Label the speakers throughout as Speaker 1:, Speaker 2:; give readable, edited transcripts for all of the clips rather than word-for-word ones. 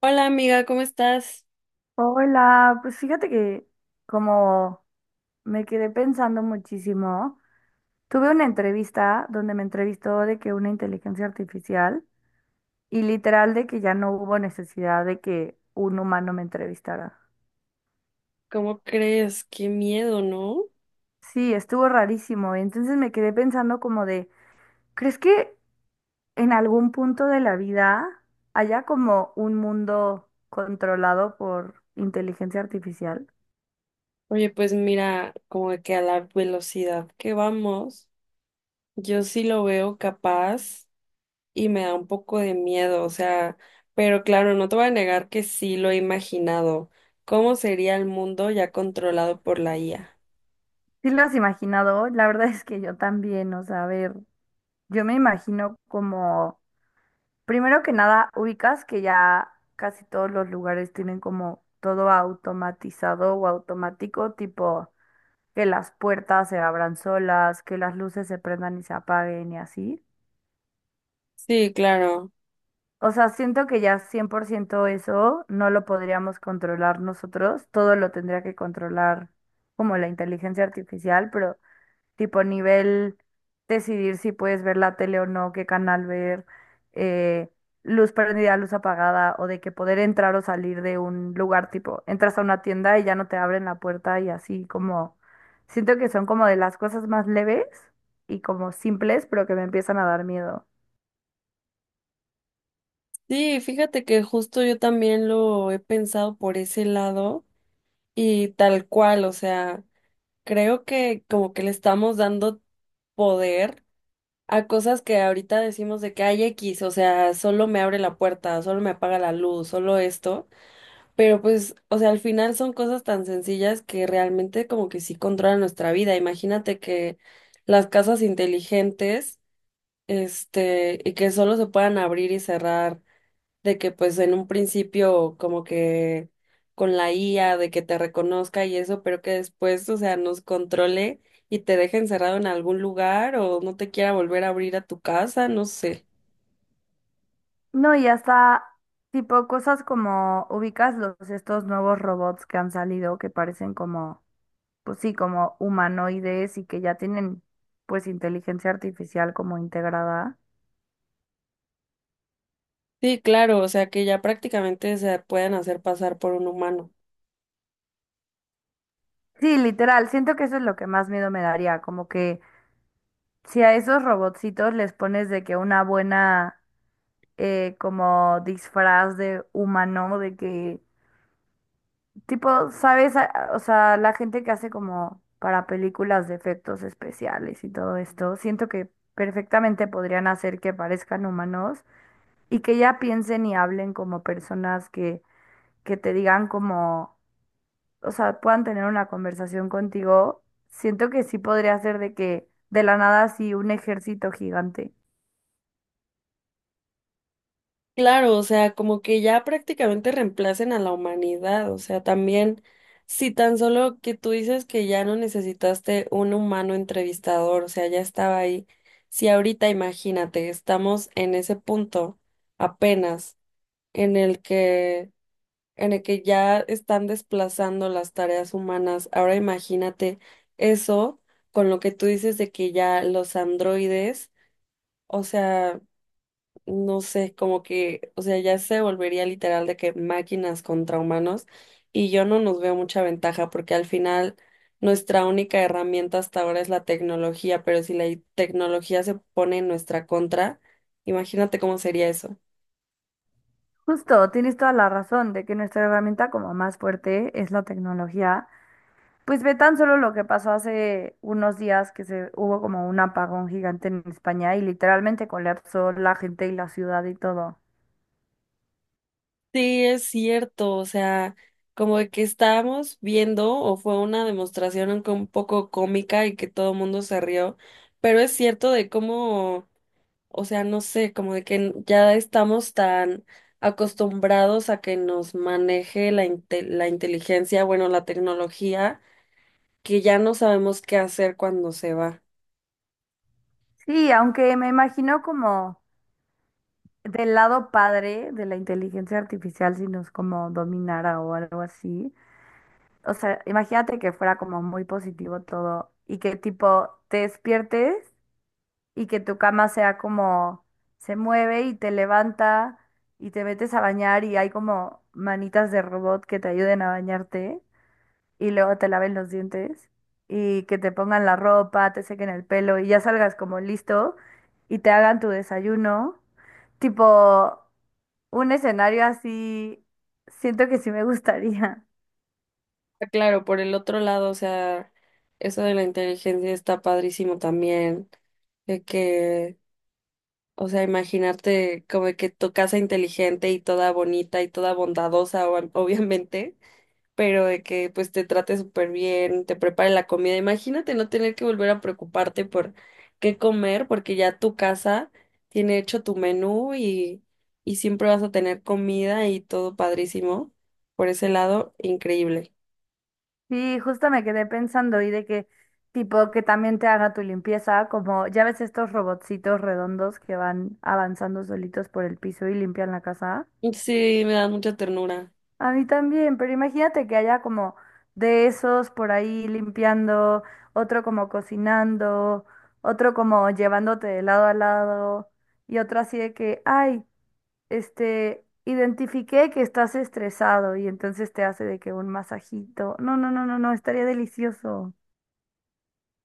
Speaker 1: Hola amiga, ¿cómo estás?
Speaker 2: Hola, pues fíjate que como me quedé pensando muchísimo, tuve una entrevista donde me entrevistó de que una inteligencia artificial y literal de que ya no hubo necesidad de que un humano me entrevistara.
Speaker 1: ¿Cómo crees? Qué miedo, ¿no?
Speaker 2: Sí, estuvo rarísimo. Entonces me quedé pensando como de, ¿crees que en algún punto de la vida haya como un mundo controlado por inteligencia artificial?
Speaker 1: Oye, pues mira, como que a la velocidad que vamos, yo sí lo veo capaz y me da un poco de miedo, o sea, pero claro, no te voy a negar que sí lo he imaginado. ¿Cómo sería el mundo ya controlado por la IA?
Speaker 2: Sí lo has imaginado, la verdad es que yo también, o sea, a ver. Yo me imagino como, primero que nada, ubicas que ya casi todos los lugares tienen como todo automatizado o automático, tipo que las puertas se abran solas, que las luces se prendan y se apaguen y así.
Speaker 1: Sí, claro.
Speaker 2: O sea, siento que ya 100% eso no lo podríamos controlar nosotros, todo lo tendría que controlar como la inteligencia artificial, pero tipo nivel decidir si puedes ver la tele o no, qué canal ver, eh, luz prendida, luz apagada, o de que poder entrar o salir de un lugar, tipo, entras a una tienda y ya no te abren la puerta y así como, siento que son como de las cosas más leves y como simples, pero que me empiezan a dar miedo.
Speaker 1: Sí, fíjate que justo yo también lo he pensado por ese lado y tal cual, o sea. Creo que como que le estamos dando poder a cosas que ahorita decimos de que hay X, o sea, solo me abre la puerta, solo me apaga la luz, solo esto, pero pues, o sea, al final son cosas tan sencillas que realmente como que sí controlan nuestra vida. Imagínate que las casas inteligentes, este, y que solo se puedan abrir y cerrar de que pues en un principio como que con la IA, de que te reconozca y eso, pero que después, o sea, nos controle y te deje encerrado en algún lugar o no te quiera volver a abrir a tu casa, no sé.
Speaker 2: No, y hasta... Tipo cosas como ubicas los estos nuevos robots que han salido que parecen como pues sí, como humanoides y que ya tienen pues inteligencia artificial como integrada.
Speaker 1: Sí, claro, o sea, que ya prácticamente se pueden hacer pasar por un humano.
Speaker 2: Sí, literal, siento que eso es lo que más miedo me daría, como que si a esos robotcitos les pones de que una buena como disfraz de humano, de que tipo, ¿sabes? O sea, la gente que hace como para películas de efectos especiales y todo esto, siento que perfectamente podrían hacer que parezcan humanos y que ya piensen y hablen como personas que te digan como, o sea, puedan tener una conversación contigo, siento que sí podría ser de que de la nada así un ejército gigante.
Speaker 1: Claro, o sea, como que ya prácticamente reemplacen a la humanidad, o sea, también, si tan solo que tú dices que ya no necesitaste un humano entrevistador, o sea, ya estaba ahí, si ahorita imagínate, estamos en ese punto apenas en el que, en el que ya están desplazando las tareas humanas, ahora imagínate eso con lo que tú dices de que ya los androides, o sea no sé, como que, o sea, ya se volvería literal de que máquinas contra humanos y yo no nos veo mucha ventaja porque al final nuestra única herramienta hasta ahora es la tecnología, pero si la tecnología se pone en nuestra contra, imagínate cómo sería eso.
Speaker 2: Justo, tienes toda la razón de que nuestra herramienta como más fuerte es la tecnología. Pues ve tan solo lo que pasó hace unos días que se hubo como un apagón gigante en España y literalmente colapsó la gente y la ciudad y todo.
Speaker 1: Sí, es cierto, o sea, como de que estábamos viendo o fue una demostración un poco cómica y que todo el mundo se rió, pero es cierto de cómo. O sea, no sé, como de que ya estamos tan acostumbrados a que nos maneje la, la inteligencia, bueno, la tecnología, que ya no sabemos qué hacer cuando se va.
Speaker 2: Sí, aunque me imagino como del lado padre de la inteligencia artificial si nos como dominara o algo así. O sea, imagínate que fuera como muy positivo todo y que tipo te despiertes y que tu cama sea como se mueve y te levanta y te metes a bañar y hay como manitas de robot que te ayuden a bañarte y luego te laven los dientes y que te pongan la ropa, te sequen el pelo y ya salgas como listo y te hagan tu desayuno. Tipo un escenario así, siento que sí me gustaría.
Speaker 1: Ah, claro, por el otro lado, o sea, eso de la inteligencia está padrísimo también, de que, o sea, imaginarte como de que tu casa inteligente y toda bonita y toda bondadosa, obviamente, pero de que pues te trate súper bien, te prepare la comida. Imagínate no tener que volver a preocuparte por qué comer, porque ya tu casa tiene hecho tu menú y siempre vas a tener comida y todo padrísimo. Por ese lado, increíble.
Speaker 2: Sí, justo me quedé pensando y de que tipo que también te haga tu limpieza, como ya ves estos robotcitos redondos que van avanzando solitos por el piso y limpian la casa.
Speaker 1: Sí, me da mucha ternura.
Speaker 2: A mí también, pero imagínate que haya como de esos por ahí limpiando, otro como cocinando, otro como llevándote de lado a lado y otro así de que, ay, identifiqué que estás estresado y entonces te hace de que un masajito. No, no, no, no, no, estaría delicioso.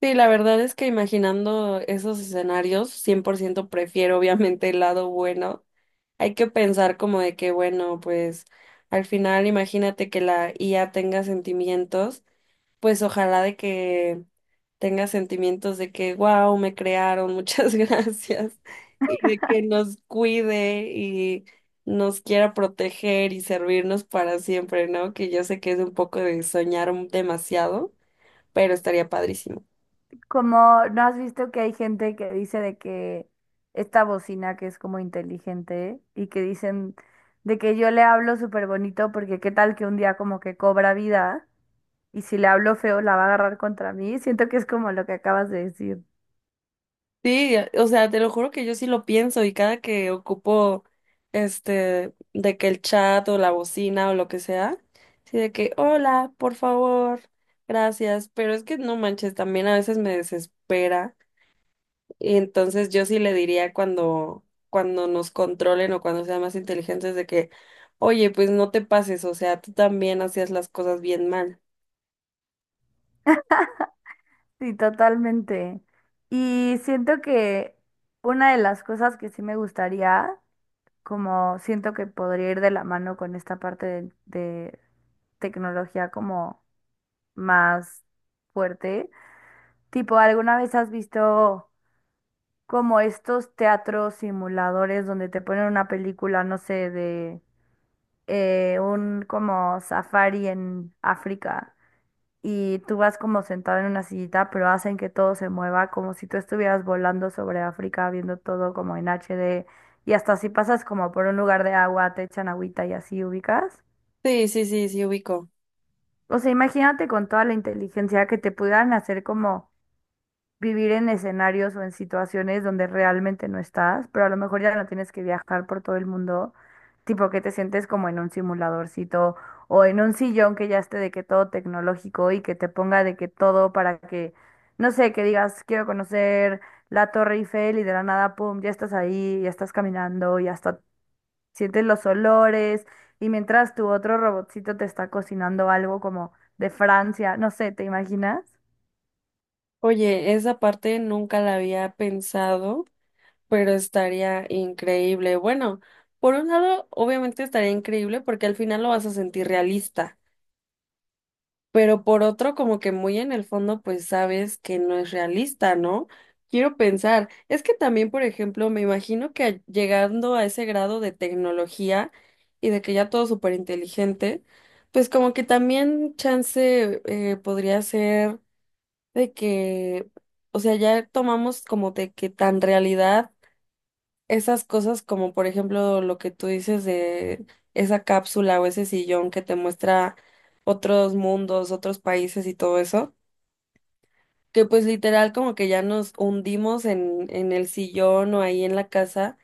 Speaker 1: Sí, la verdad es que imaginando esos escenarios, 100% prefiero obviamente el lado bueno. Hay que pensar como de que, bueno, pues al final imagínate que la IA tenga sentimientos, pues ojalá de que tenga sentimientos de que, wow, me crearon, muchas gracias, y de que nos cuide y nos quiera proteger y servirnos para siempre, ¿no? Que yo sé que es un poco de soñar demasiado, pero estaría padrísimo.
Speaker 2: Como no has visto que hay gente que dice de que esta bocina que es como inteligente y que dicen de que yo le hablo súper bonito porque qué tal que un día como que cobra vida y si le hablo feo la va a agarrar contra mí. Siento que es como lo que acabas de decir.
Speaker 1: Sí, o sea, te lo juro que yo sí lo pienso y cada que ocupo este de que el chat o la bocina o lo que sea, sí de que hola, por favor, gracias, pero es que no manches, también a veces me desespera y entonces yo sí le diría cuando cuando nos controlen o cuando sean más inteligentes de que, "Oye, pues no te pases, o sea, tú también hacías las cosas bien mal."
Speaker 2: Sí, totalmente. Y siento que una de las cosas que sí me gustaría, como siento que podría ir de la mano con esta parte de tecnología como más fuerte. Tipo, ¿alguna vez has visto como estos teatros simuladores donde te ponen una película, no sé, de un como safari en África y tú vas como sentado en una sillita, pero hacen que todo se mueva como si tú estuvieras volando sobre África, viendo todo como en HD y hasta si pasas como por un lugar de agua, te echan agüita y así ubicas?
Speaker 1: Sí, sí, sí, sí ubico.
Speaker 2: O sea, imagínate con toda la inteligencia que te pudieran hacer como vivir en escenarios o en situaciones donde realmente no estás, pero a lo mejor ya no tienes que viajar por todo el mundo, tipo que te sientes como en un simuladorcito o en un sillón que ya esté de que todo tecnológico y que te ponga de que todo para que, no sé, que digas, quiero conocer la Torre Eiffel y de la nada, pum, ya estás ahí, ya estás caminando y hasta sientes los olores y mientras tu otro robotcito te está cocinando algo como de Francia, no sé, ¿te imaginas?
Speaker 1: Oye, esa parte nunca la había pensado. Pero estaría increíble. Bueno, por un lado, obviamente estaría increíble porque al final lo vas a sentir realista, pero por otro, como que muy en el fondo, pues sabes que no es realista, ¿no? Quiero pensar, es que también, por ejemplo, me imagino que llegando a ese grado de tecnología y de que ya todo súper inteligente, pues como que también chance podría ser de que, o sea, ya tomamos como de que tan realidad esas cosas como por ejemplo lo que tú dices de esa cápsula o ese sillón que te muestra otros mundos, otros países y todo eso, que pues literal como que ya nos hundimos en el sillón o ahí en la casa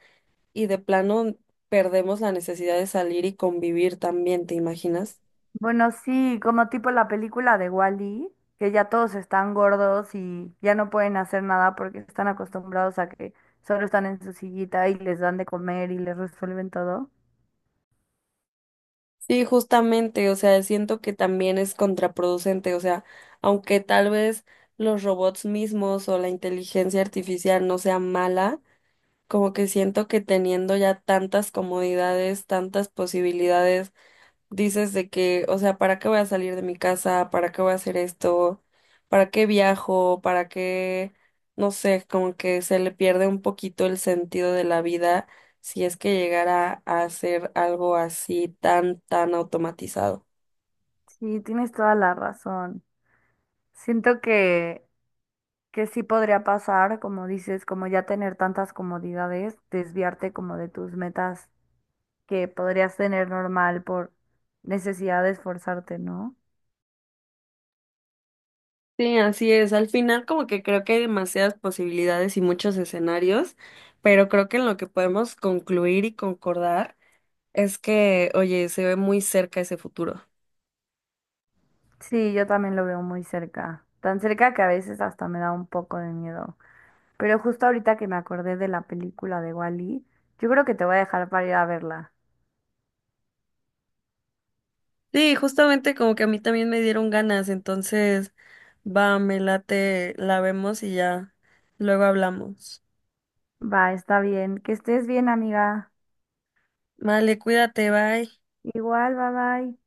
Speaker 1: y de plano perdemos la necesidad de salir y convivir también, ¿te imaginas?
Speaker 2: Bueno, sí, como tipo la película de Wall-E que ya todos están gordos y ya no pueden hacer nada porque están acostumbrados a que solo están en su sillita y les dan de comer y les resuelven todo.
Speaker 1: Sí, justamente, o sea, siento que también es contraproducente, o sea, aunque tal vez los robots mismos o la inteligencia artificial no sea mala, como que siento que teniendo ya tantas comodidades, tantas posibilidades, dices de que, o sea, ¿para qué voy a salir de mi casa? ¿Para qué voy a hacer esto? ¿Para qué viajo? ¿Para qué? No sé, como que se le pierde un poquito el sentido de la vida si es que llegara a hacer algo así tan, tan automatizado.
Speaker 2: Sí, tienes toda la razón. Siento que sí podría pasar, como dices, como ya tener tantas comodidades, desviarte como de tus metas que podrías tener normal por necesidad de esforzarte, ¿no?
Speaker 1: Sí, así es. Al final como que creo que hay demasiadas posibilidades y muchos escenarios, pero creo que en lo que podemos concluir y concordar es que, oye, se ve muy cerca ese futuro.
Speaker 2: Sí, yo también lo veo muy cerca, tan cerca que a veces hasta me da un poco de miedo. Pero justo ahorita que me acordé de la película de Wall-E, yo creo que te voy a dejar para ir a verla.
Speaker 1: Sí, justamente como que a mí también me dieron ganas, entonces va, me late, la vemos y ya luego hablamos.
Speaker 2: Va, está bien. Que estés bien, amiga.
Speaker 1: Vale, cuídate, bye.
Speaker 2: Igual, bye bye.